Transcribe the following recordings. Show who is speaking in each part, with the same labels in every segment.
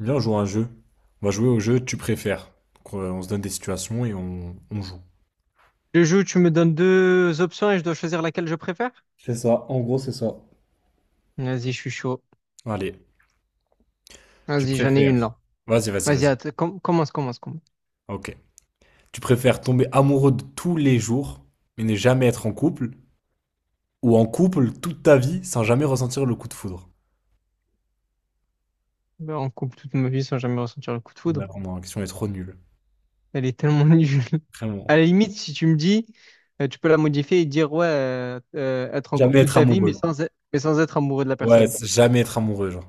Speaker 1: Viens, on joue à un jeu. On va jouer au jeu tu préfères. Donc, on se donne des situations et on joue.
Speaker 2: Je joue, tu me donnes deux options et je dois choisir laquelle je préfère?
Speaker 1: C'est ça, en gros, c'est ça.
Speaker 2: Vas-y, je suis chaud.
Speaker 1: Allez, tu
Speaker 2: Vas-y, j'en ai
Speaker 1: préfères.
Speaker 2: une là.
Speaker 1: Vas-y, vas-y,
Speaker 2: Vas-y,
Speaker 1: vas-y.
Speaker 2: commence, commence, commence.
Speaker 1: Ok. Tu préfères tomber amoureux de tous les jours, mais ne jamais être en couple, ou en couple toute ta vie sans jamais ressentir le coup de foudre.
Speaker 2: Ben, on coupe toute ma vie sans jamais ressentir le coup de foudre.
Speaker 1: Ouais, vraiment, la question est trop nulle.
Speaker 2: Elle est tellement nulle. À
Speaker 1: Vraiment.
Speaker 2: la limite, si tu me dis, tu peux la modifier et dire, ouais, être en couple
Speaker 1: Jamais
Speaker 2: toute
Speaker 1: être
Speaker 2: ta vie, mais
Speaker 1: amoureux.
Speaker 2: sans, e- mais sans être amoureux de la
Speaker 1: Ouais,
Speaker 2: personne.
Speaker 1: c'est jamais être amoureux, genre.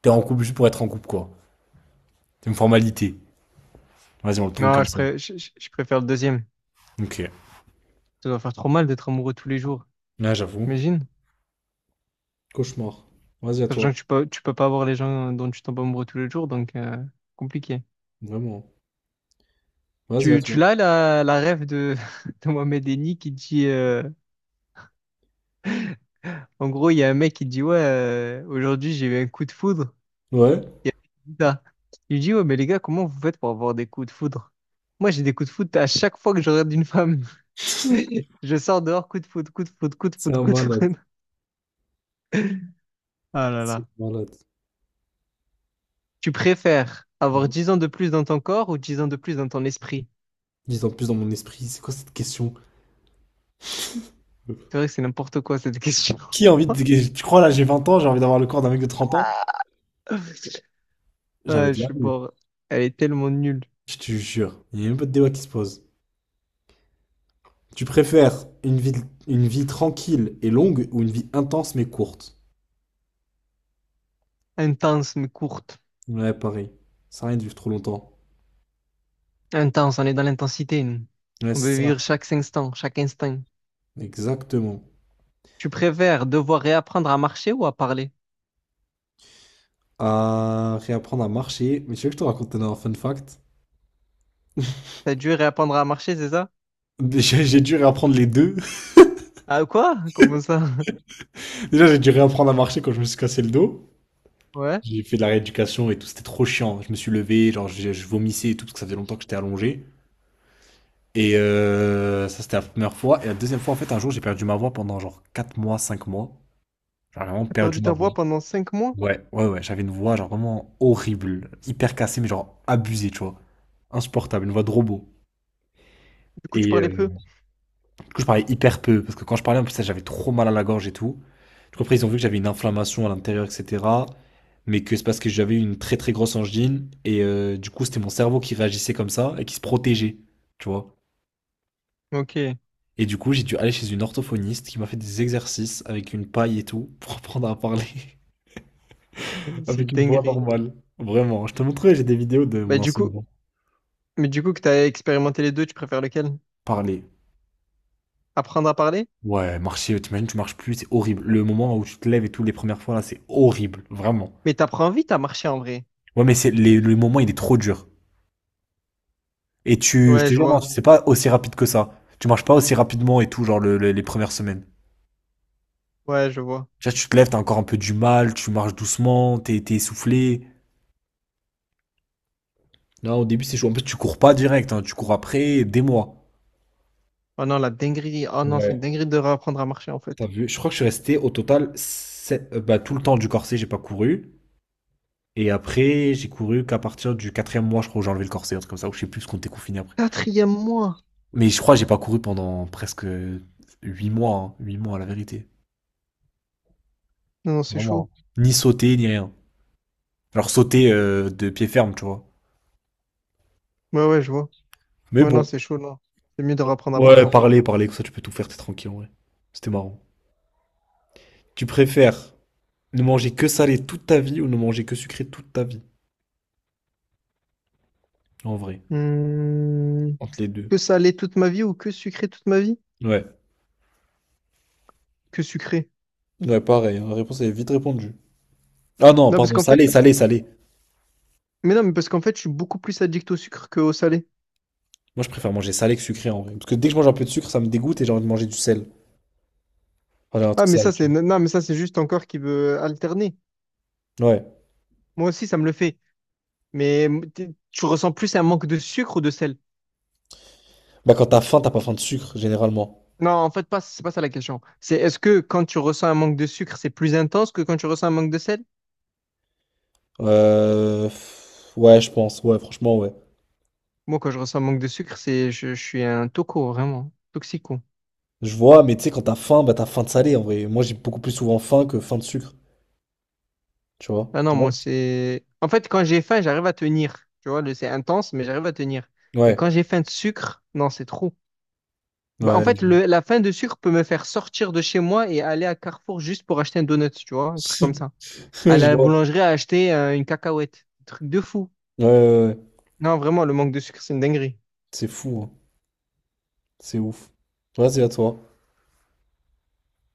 Speaker 1: T'es en couple juste pour être en couple, quoi. C'est une formalité. Vas-y, on le tourne
Speaker 2: Non,
Speaker 1: comme
Speaker 2: je,
Speaker 1: ça.
Speaker 2: pré- je, je- je préfère le deuxième.
Speaker 1: Ok.
Speaker 2: Ça doit faire trop mal d'être amoureux tous les jours.
Speaker 1: Là, j'avoue.
Speaker 2: Imagine.
Speaker 1: Cauchemar. Vas-y à toi.
Speaker 2: Sachant que tu peux pas avoir les gens dont tu tombes amoureux tous les jours, donc compliqué.
Speaker 1: Vraiment. Vas-y, à
Speaker 2: Tu,
Speaker 1: toi.
Speaker 2: tu l'as la rêve de, de Mohamed Eni qui dit en gros, il y a un mec qui dit ouais aujourd'hui j'ai eu un coup de foudre
Speaker 1: Ouais.
Speaker 2: il y a il dit ça. Il dit ouais, mais les gars, comment vous faites pour avoir des coups de foudre? Moi j'ai des coups de foudre à chaque fois que je regarde une femme. Je sors dehors, coup de foudre, coup de foudre, coup de
Speaker 1: C'est
Speaker 2: foudre,
Speaker 1: un
Speaker 2: coup de foudre.
Speaker 1: malade.
Speaker 2: Ah là
Speaker 1: C'est
Speaker 2: là.
Speaker 1: un malade.
Speaker 2: Tu préfères avoir 10 ans de plus dans ton corps ou 10 ans de plus dans ton esprit?
Speaker 1: Dis en plus dans mon esprit, c'est quoi cette question?
Speaker 2: C'est vrai que c'est n'importe quoi, cette question.
Speaker 1: Qui a envie de... Tu crois là, j'ai 20 ans, j'ai envie d'avoir le corps d'un mec de 30 ans?
Speaker 2: Ah,
Speaker 1: Jamais
Speaker 2: je
Speaker 1: de la
Speaker 2: suis
Speaker 1: vie.
Speaker 2: mort. Elle est tellement nulle.
Speaker 1: Je te jure. Il n'y a même pas de débat qui se pose. Tu préfères une vie tranquille et longue ou une vie intense mais courte?
Speaker 2: Intense mais courte.
Speaker 1: Ouais, pareil. Ça sert à rien de vivre trop longtemps.
Speaker 2: Intense, on est dans l'intensité, nous.
Speaker 1: Ouais,
Speaker 2: On
Speaker 1: c'est
Speaker 2: veut vivre
Speaker 1: ça.
Speaker 2: chaque instant, chaque instinct.
Speaker 1: Exactement.
Speaker 2: Tu préfères devoir réapprendre à marcher ou à parler?
Speaker 1: À réapprendre à marcher. Mais tu veux que je te raconte un fun fact?
Speaker 2: T'as dû réapprendre à marcher, c'est ça?
Speaker 1: J'ai dû réapprendre les deux.
Speaker 2: Ah quoi? Comment ça?
Speaker 1: Déjà, j'ai dû réapprendre à marcher quand je me suis cassé le dos.
Speaker 2: Ouais.
Speaker 1: J'ai fait de la rééducation et tout, c'était trop chiant. Je me suis levé, genre je vomissais et tout, parce que ça faisait longtemps que j'étais allongé. Et ça, c'était la première fois. Et la deuxième fois, en fait, un jour, j'ai perdu ma voix pendant genre 4 mois, 5 mois. J'ai vraiment
Speaker 2: T'as
Speaker 1: perdu
Speaker 2: perdu
Speaker 1: ma
Speaker 2: ta
Speaker 1: voix.
Speaker 2: voix pendant 5 mois?
Speaker 1: Ouais, ouais, ouais. J'avais une voix genre vraiment horrible, hyper cassée, mais genre abusée, tu vois. Insupportable, une voix de robot.
Speaker 2: Du coup, tu
Speaker 1: Et
Speaker 2: parlais
Speaker 1: euh,
Speaker 2: peu.
Speaker 1: Du coup, je parlais hyper peu, parce que quand je parlais, en plus, ça, j'avais trop mal à la gorge et tout. Du coup, après, ils ont vu que j'avais une inflammation à l'intérieur, etc. Mais que c'est parce que j'avais une très très grosse angine, et du coup, c'était mon cerveau qui réagissait comme ça, et qui se protégeait, tu vois.
Speaker 2: Ok,
Speaker 1: Et du coup, j'ai dû aller chez une orthophoniste qui m'a fait des exercices avec une paille et tout, pour apprendre à parler avec
Speaker 2: c'est
Speaker 1: une voix
Speaker 2: dinguerie.
Speaker 1: normale. Vraiment, je te montrerai, j'ai des vidéos de mon
Speaker 2: Bah du coup,
Speaker 1: enseignement.
Speaker 2: mais du coup que t'as expérimenté les deux, tu préfères lequel?
Speaker 1: Parler.
Speaker 2: Apprendre à parler?
Speaker 1: Ouais, marcher, t'imagines, tu marches plus, c'est horrible. Le moment où tu te lèves et tout, les premières fois, là, c'est horrible, vraiment.
Speaker 2: Mais t'apprends vite à marcher en vrai.
Speaker 1: Ouais, mais c'est le moment, il est trop dur. Et je
Speaker 2: Ouais,
Speaker 1: te
Speaker 2: je
Speaker 1: jure, non,
Speaker 2: vois.
Speaker 1: c'est pas aussi rapide que ça. Tu marches pas aussi rapidement et tout, genre les premières semaines.
Speaker 2: Ouais, je vois.
Speaker 1: Tu vois, tu te lèves, t'as encore un peu du mal, tu marches doucement, t'es essoufflé. Non, au début, c'est chaud. En plus, tu cours pas direct, hein, tu cours après des mois.
Speaker 2: Oh non, la dinguerie. Oh non, c'est
Speaker 1: Ouais,
Speaker 2: une dinguerie de réapprendre à marcher en
Speaker 1: t'as
Speaker 2: fait.
Speaker 1: vu? Je crois que je suis resté au total bah, tout le temps du corset, j'ai pas couru. Et après, j'ai couru qu'à partir du 4e mois, je crois, où j'ai enlevé le corset, un truc comme ça, ou je sais plus ce qu'on était confiné après.
Speaker 2: Quatrième mois.
Speaker 1: Mais je crois que j'ai pas couru pendant presque 8 mois, hein, 8 mois à la vérité.
Speaker 2: Non, non, c'est
Speaker 1: Vraiment.
Speaker 2: chaud.
Speaker 1: Ni sauter, ni rien. Alors sauter de pied ferme, tu vois.
Speaker 2: Ouais, ouais, je vois.
Speaker 1: Mais
Speaker 2: Ouais, non,
Speaker 1: bon.
Speaker 2: c'est chaud, non. C'est mieux de reprendre à
Speaker 1: Ouais,
Speaker 2: parler,
Speaker 1: Ouais.
Speaker 2: en fait.
Speaker 1: Parler, parler, comme ça tu peux tout faire, t'es tranquille en vrai. C'était marrant. Tu préfères ne manger que salé toute ta vie ou ne manger que sucré toute ta vie? En vrai.
Speaker 2: Hmm,
Speaker 1: Entre les deux.
Speaker 2: Que salé toute ma vie ou que sucré toute ma vie?
Speaker 1: Ouais.
Speaker 2: Que sucré.
Speaker 1: Ouais, pareil, hein, la réponse est vite répondue. Ah non,
Speaker 2: Non, parce
Speaker 1: pardon,
Speaker 2: qu'en
Speaker 1: salé,
Speaker 2: fait,
Speaker 1: salé, salé.
Speaker 2: mais non, mais parce qu'en fait, je suis beaucoup plus addict au sucre qu'au salé.
Speaker 1: Moi je préfère manger salé que sucré en vrai. Parce que dès que je mange un peu de sucre, ça me dégoûte et j'ai envie de manger du sel. Enfin, j'ai un
Speaker 2: Ah,
Speaker 1: truc salé, tu
Speaker 2: non, mais ça, c'est juste ton corps qui veut alterner.
Speaker 1: vois. Ouais.
Speaker 2: Moi aussi, ça me le fait. Mais tu ressens plus un manque de sucre ou de sel?
Speaker 1: Bah quand t'as faim, t'as pas faim de sucre, généralement.
Speaker 2: Non, en fait, pas, c'est pas ça la question. C'est est-ce que quand tu ressens un manque de sucre, c'est plus intense que quand tu ressens un manque de sel?
Speaker 1: Pff, ouais, je pense. Ouais, franchement, ouais.
Speaker 2: Moi, quand je ressens un manque de sucre, je suis un toco, vraiment. Toxico.
Speaker 1: Je vois, mais tu sais, quand t'as faim, bah t'as faim de salé en vrai. Moi, j'ai beaucoup plus souvent faim que faim de sucre, tu vois.
Speaker 2: Ah non,
Speaker 1: Tu vois?
Speaker 2: moi c'est. En fait, quand j'ai faim, j'arrive à tenir. Tu vois, c'est intense, mais j'arrive à tenir. Mais
Speaker 1: Ouais,
Speaker 2: quand j'ai faim de sucre, non, c'est trop. Bah, en
Speaker 1: ouais, je
Speaker 2: fait,
Speaker 1: vois.
Speaker 2: la faim de sucre peut me faire sortir de chez moi et aller à Carrefour juste pour acheter un donut, tu vois, un truc comme ça.
Speaker 1: Ouais,
Speaker 2: Aller
Speaker 1: je
Speaker 2: à la
Speaker 1: vois.
Speaker 2: boulangerie à acheter une cacahuète. Un truc de fou.
Speaker 1: Ouais, ouais, ouais.
Speaker 2: Non, vraiment, le manque de sucre, c'est une dinguerie.
Speaker 1: C'est fou, hein. C'est ouf. Vas-y, à toi.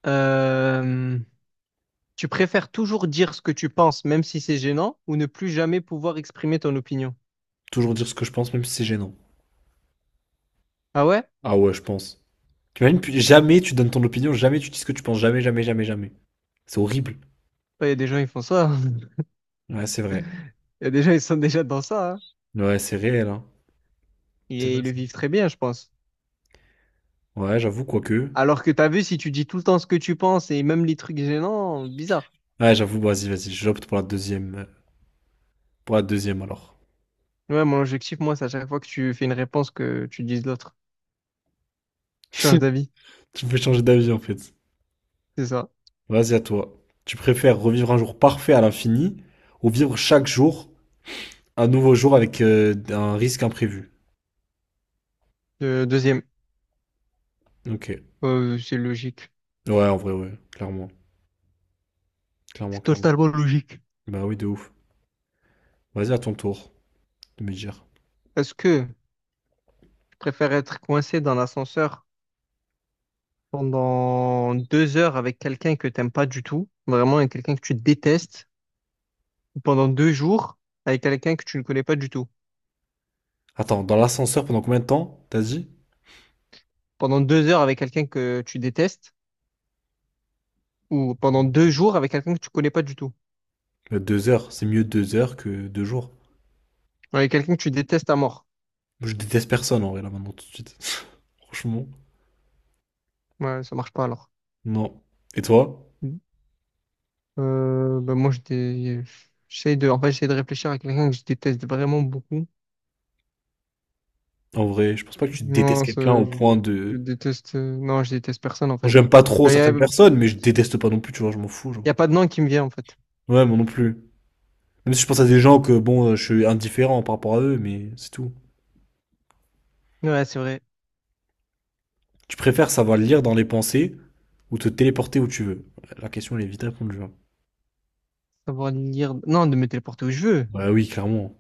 Speaker 2: Euh, Tu préfères toujours dire ce que tu penses, même si c'est gênant, ou ne plus jamais pouvoir exprimer ton opinion?
Speaker 1: Toujours dire ce que je pense, même si c'est gênant.
Speaker 2: Ah ouais?
Speaker 1: Ah ouais, je pense. T'imagines, puis jamais tu donnes ton opinion, jamais tu dis ce que tu penses, jamais, jamais, jamais, jamais. C'est horrible.
Speaker 2: Ouais, il y a des gens, ils font ça.
Speaker 1: Ouais, c'est vrai.
Speaker 2: Il y a des gens, ils sont déjà dans ça, hein.
Speaker 1: Ouais, c'est réel, hein. C'est
Speaker 2: Et
Speaker 1: vrai,
Speaker 2: ils le
Speaker 1: ça.
Speaker 2: vivent très bien, je pense.
Speaker 1: Ouais, j'avoue, quoique.
Speaker 2: Alors que t'as vu, si tu dis tout le temps ce que tu penses et même les trucs gênants, bizarre.
Speaker 1: Ouais, j'avoue, vas-y, vas-y, j'opte pour la deuxième. Pour la deuxième, alors.
Speaker 2: Ouais, mon objectif, moi, c'est à chaque fois que tu fais une réponse que tu dises l'autre. Tu changes d'avis,
Speaker 1: Tu peux changer d'avis, en fait.
Speaker 2: c'est ça.
Speaker 1: Vas-y à toi. Tu préfères revivre un jour parfait à l'infini ou vivre chaque jour un nouveau jour avec un risque imprévu?
Speaker 2: Euh, deuxième,
Speaker 1: Ok.
Speaker 2: Euh, c'est logique.
Speaker 1: Ouais, en vrai, ouais. Clairement. Clairement,
Speaker 2: C'est
Speaker 1: clairement.
Speaker 2: totalement logique.
Speaker 1: Bah oui, de ouf. Vas-y à ton tour de me dire.
Speaker 2: Est-ce que tu préfères être coincé dans l'ascenseur pendant 2 heures avec quelqu'un que t'aimes pas du tout, vraiment, avec quelqu'un que tu détestes, ou pendant 2 jours avec quelqu'un que tu ne connais pas du tout?
Speaker 1: Attends, dans l'ascenseur pendant combien de temps, t'as dit?
Speaker 2: Pendant deux heures avec quelqu'un que tu détestes ou pendant deux jours avec quelqu'un que tu connais pas du tout,
Speaker 1: 2 heures. C'est mieux 2 heures que 2 jours.
Speaker 2: avec quelqu'un que tu détestes à mort.
Speaker 1: Je déteste personne en vrai là maintenant tout de suite. Franchement.
Speaker 2: Ouais, ça marche pas alors.
Speaker 1: Non. Et toi?
Speaker 2: Ben moi, en fait, j'essaie de réfléchir à quelqu'un que je déteste vraiment beaucoup.
Speaker 1: En vrai, je pense pas que tu détestes
Speaker 2: Non, ça,
Speaker 1: quelqu'un au point de.
Speaker 2: non, je déteste personne en
Speaker 1: Bon,
Speaker 2: fait.
Speaker 1: j'aime pas trop
Speaker 2: Bah,
Speaker 1: certaines personnes, mais je déteste pas non plus, tu vois, je m'en fous, genre.
Speaker 2: y a pas de nom qui me vient en fait.
Speaker 1: Ouais, moi non plus. Même si je pense à des gens que, bon, je suis indifférent par rapport à eux, mais c'est tout.
Speaker 2: Ouais, c'est vrai.
Speaker 1: Tu préfères savoir lire dans les pensées ou te téléporter où tu veux? La question, elle est vite à répondre, genre.
Speaker 2: Savoir lire, non, de me téléporter où je veux.
Speaker 1: Bah oui, clairement.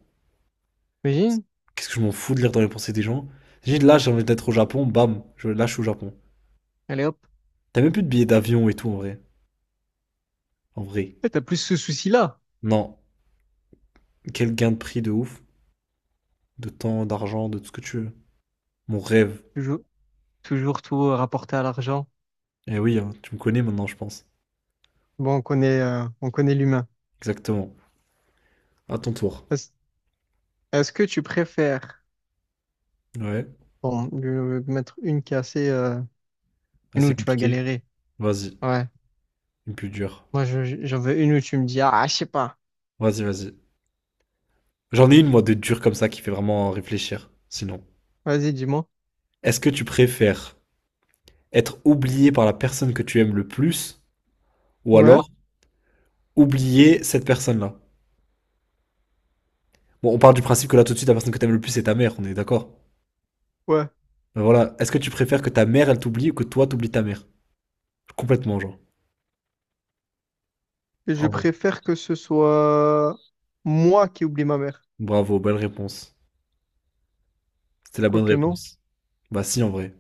Speaker 2: Imagine?
Speaker 1: Qu'est-ce que je m'en fous de lire dans les pensées des gens? J'ai dit, là, j'ai envie d'être au Japon, bam, je lâche au Japon.
Speaker 2: Allez hop.
Speaker 1: T'as même plus de billets d'avion et tout, en vrai. En vrai.
Speaker 2: Ouais, t'as plus ce souci-là.
Speaker 1: Non. Quel gain de prix de ouf. De temps, d'argent, de tout ce que tu veux. Mon rêve.
Speaker 2: Toujours, toujours tout rapporté à l'argent.
Speaker 1: Eh oui, hein, tu me connais maintenant, je pense.
Speaker 2: Bon, on connaît l'humain.
Speaker 1: Exactement. À ton tour.
Speaker 2: Est-ce est-ce que tu préfères.
Speaker 1: Ouais.
Speaker 2: Bon, je vais mettre une qui est assez,
Speaker 1: Ah,
Speaker 2: une
Speaker 1: c'est
Speaker 2: où tu vas
Speaker 1: compliqué.
Speaker 2: galérer.
Speaker 1: Vas-y.
Speaker 2: Ouais.
Speaker 1: Une plus dure.
Speaker 2: Moi, j'en veux une où tu me dis, ah, je sais pas.
Speaker 1: Vas-y, vas-y. J'en ai une, moi, de dure comme ça qui fait vraiment réfléchir. Sinon,
Speaker 2: Vas-y, dis-moi.
Speaker 1: est-ce que tu préfères être oublié par la personne que tu aimes le plus ou
Speaker 2: Ouais,
Speaker 1: alors oublier cette personne-là? Bon, on part du principe que là, tout de suite, la personne que tu aimes le plus, c'est ta mère, on est d'accord?
Speaker 2: ouais.
Speaker 1: Mais voilà. Est-ce que tu préfères que ta mère, elle t'oublie ou que toi, t'oublies ta mère? Complètement, genre.
Speaker 2: Et je
Speaker 1: Ah ouais.
Speaker 2: préfère que ce soit moi qui oublie ma mère.
Speaker 1: Bravo, belle réponse. C'était la bonne
Speaker 2: Quoique non.
Speaker 1: réponse. Bah, si, en vrai.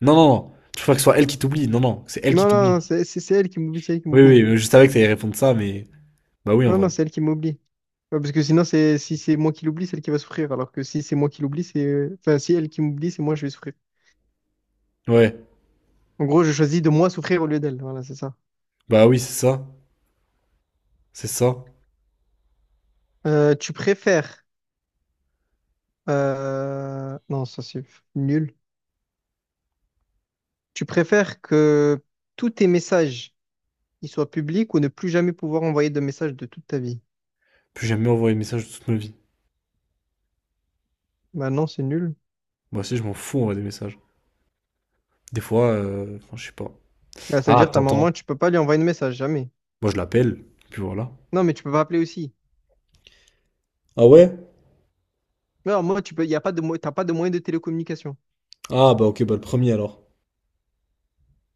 Speaker 1: Non, non, non. Tu préfères que ce soit elle qui t'oublie? Non, non, c'est elle qui
Speaker 2: Non, non, non,
Speaker 1: t'oublie.
Speaker 2: c'est elle qui m'oublie, c'est elle qui
Speaker 1: Oui,
Speaker 2: m'oublie.
Speaker 1: oui, je savais que t'allais répondre ça, mais. Bah oui, en
Speaker 2: Non, non,
Speaker 1: vrai.
Speaker 2: c'est elle qui m'oublie. Ouais, parce que sinon, c'est si c'est moi qui l'oublie, c'est elle qui va souffrir. Alors que si c'est moi qui l'oublie, Enfin, si elle qui m'oublie, c'est moi, je vais souffrir.
Speaker 1: Ouais.
Speaker 2: En gros, je choisis de moi souffrir au lieu d'elle. Voilà, c'est ça.
Speaker 1: Bah oui, c'est ça. C'est ça.
Speaker 2: Euh, tu préfères... Non, ça c'est nul. Tu préfères que tous tes messages ils soient publics ou ne plus jamais pouvoir envoyer de messages de toute ta vie?
Speaker 1: Puis plus jamais envoyé de message de toute ma vie.
Speaker 2: Bah non, c'est nul.
Speaker 1: Moi aussi, je m'en fous, on voit des messages. Des fois, enfin, je sais pas.
Speaker 2: Bah, ça veut
Speaker 1: Ah,
Speaker 2: dire ta
Speaker 1: t'entends.
Speaker 2: maman, tu peux pas lui envoyer de message, jamais.
Speaker 1: Moi, je l'appelle, puis voilà.
Speaker 2: Non, mais tu peux pas appeler aussi.
Speaker 1: Ah ouais?
Speaker 2: Non, moi, tu peux, y a pas de, t'as pas de moyen de télécommunication.
Speaker 1: Ah bah ok, bah le premier alors.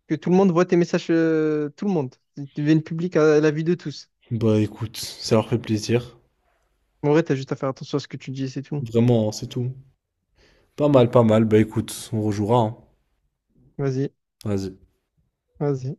Speaker 2: Que tout le monde voit tes messages, tout le monde. Ils deviennent publics à la vue de tous.
Speaker 1: Bah écoute, ça leur fait plaisir.
Speaker 2: En vrai, t'as juste à faire attention à ce que tu dis, c'est tout.
Speaker 1: Vraiment, hein, c'est tout. Pas mal, pas mal. Bah écoute, on rejouera, hein.
Speaker 2: Vas-y,
Speaker 1: Vas-y.
Speaker 2: vas-y.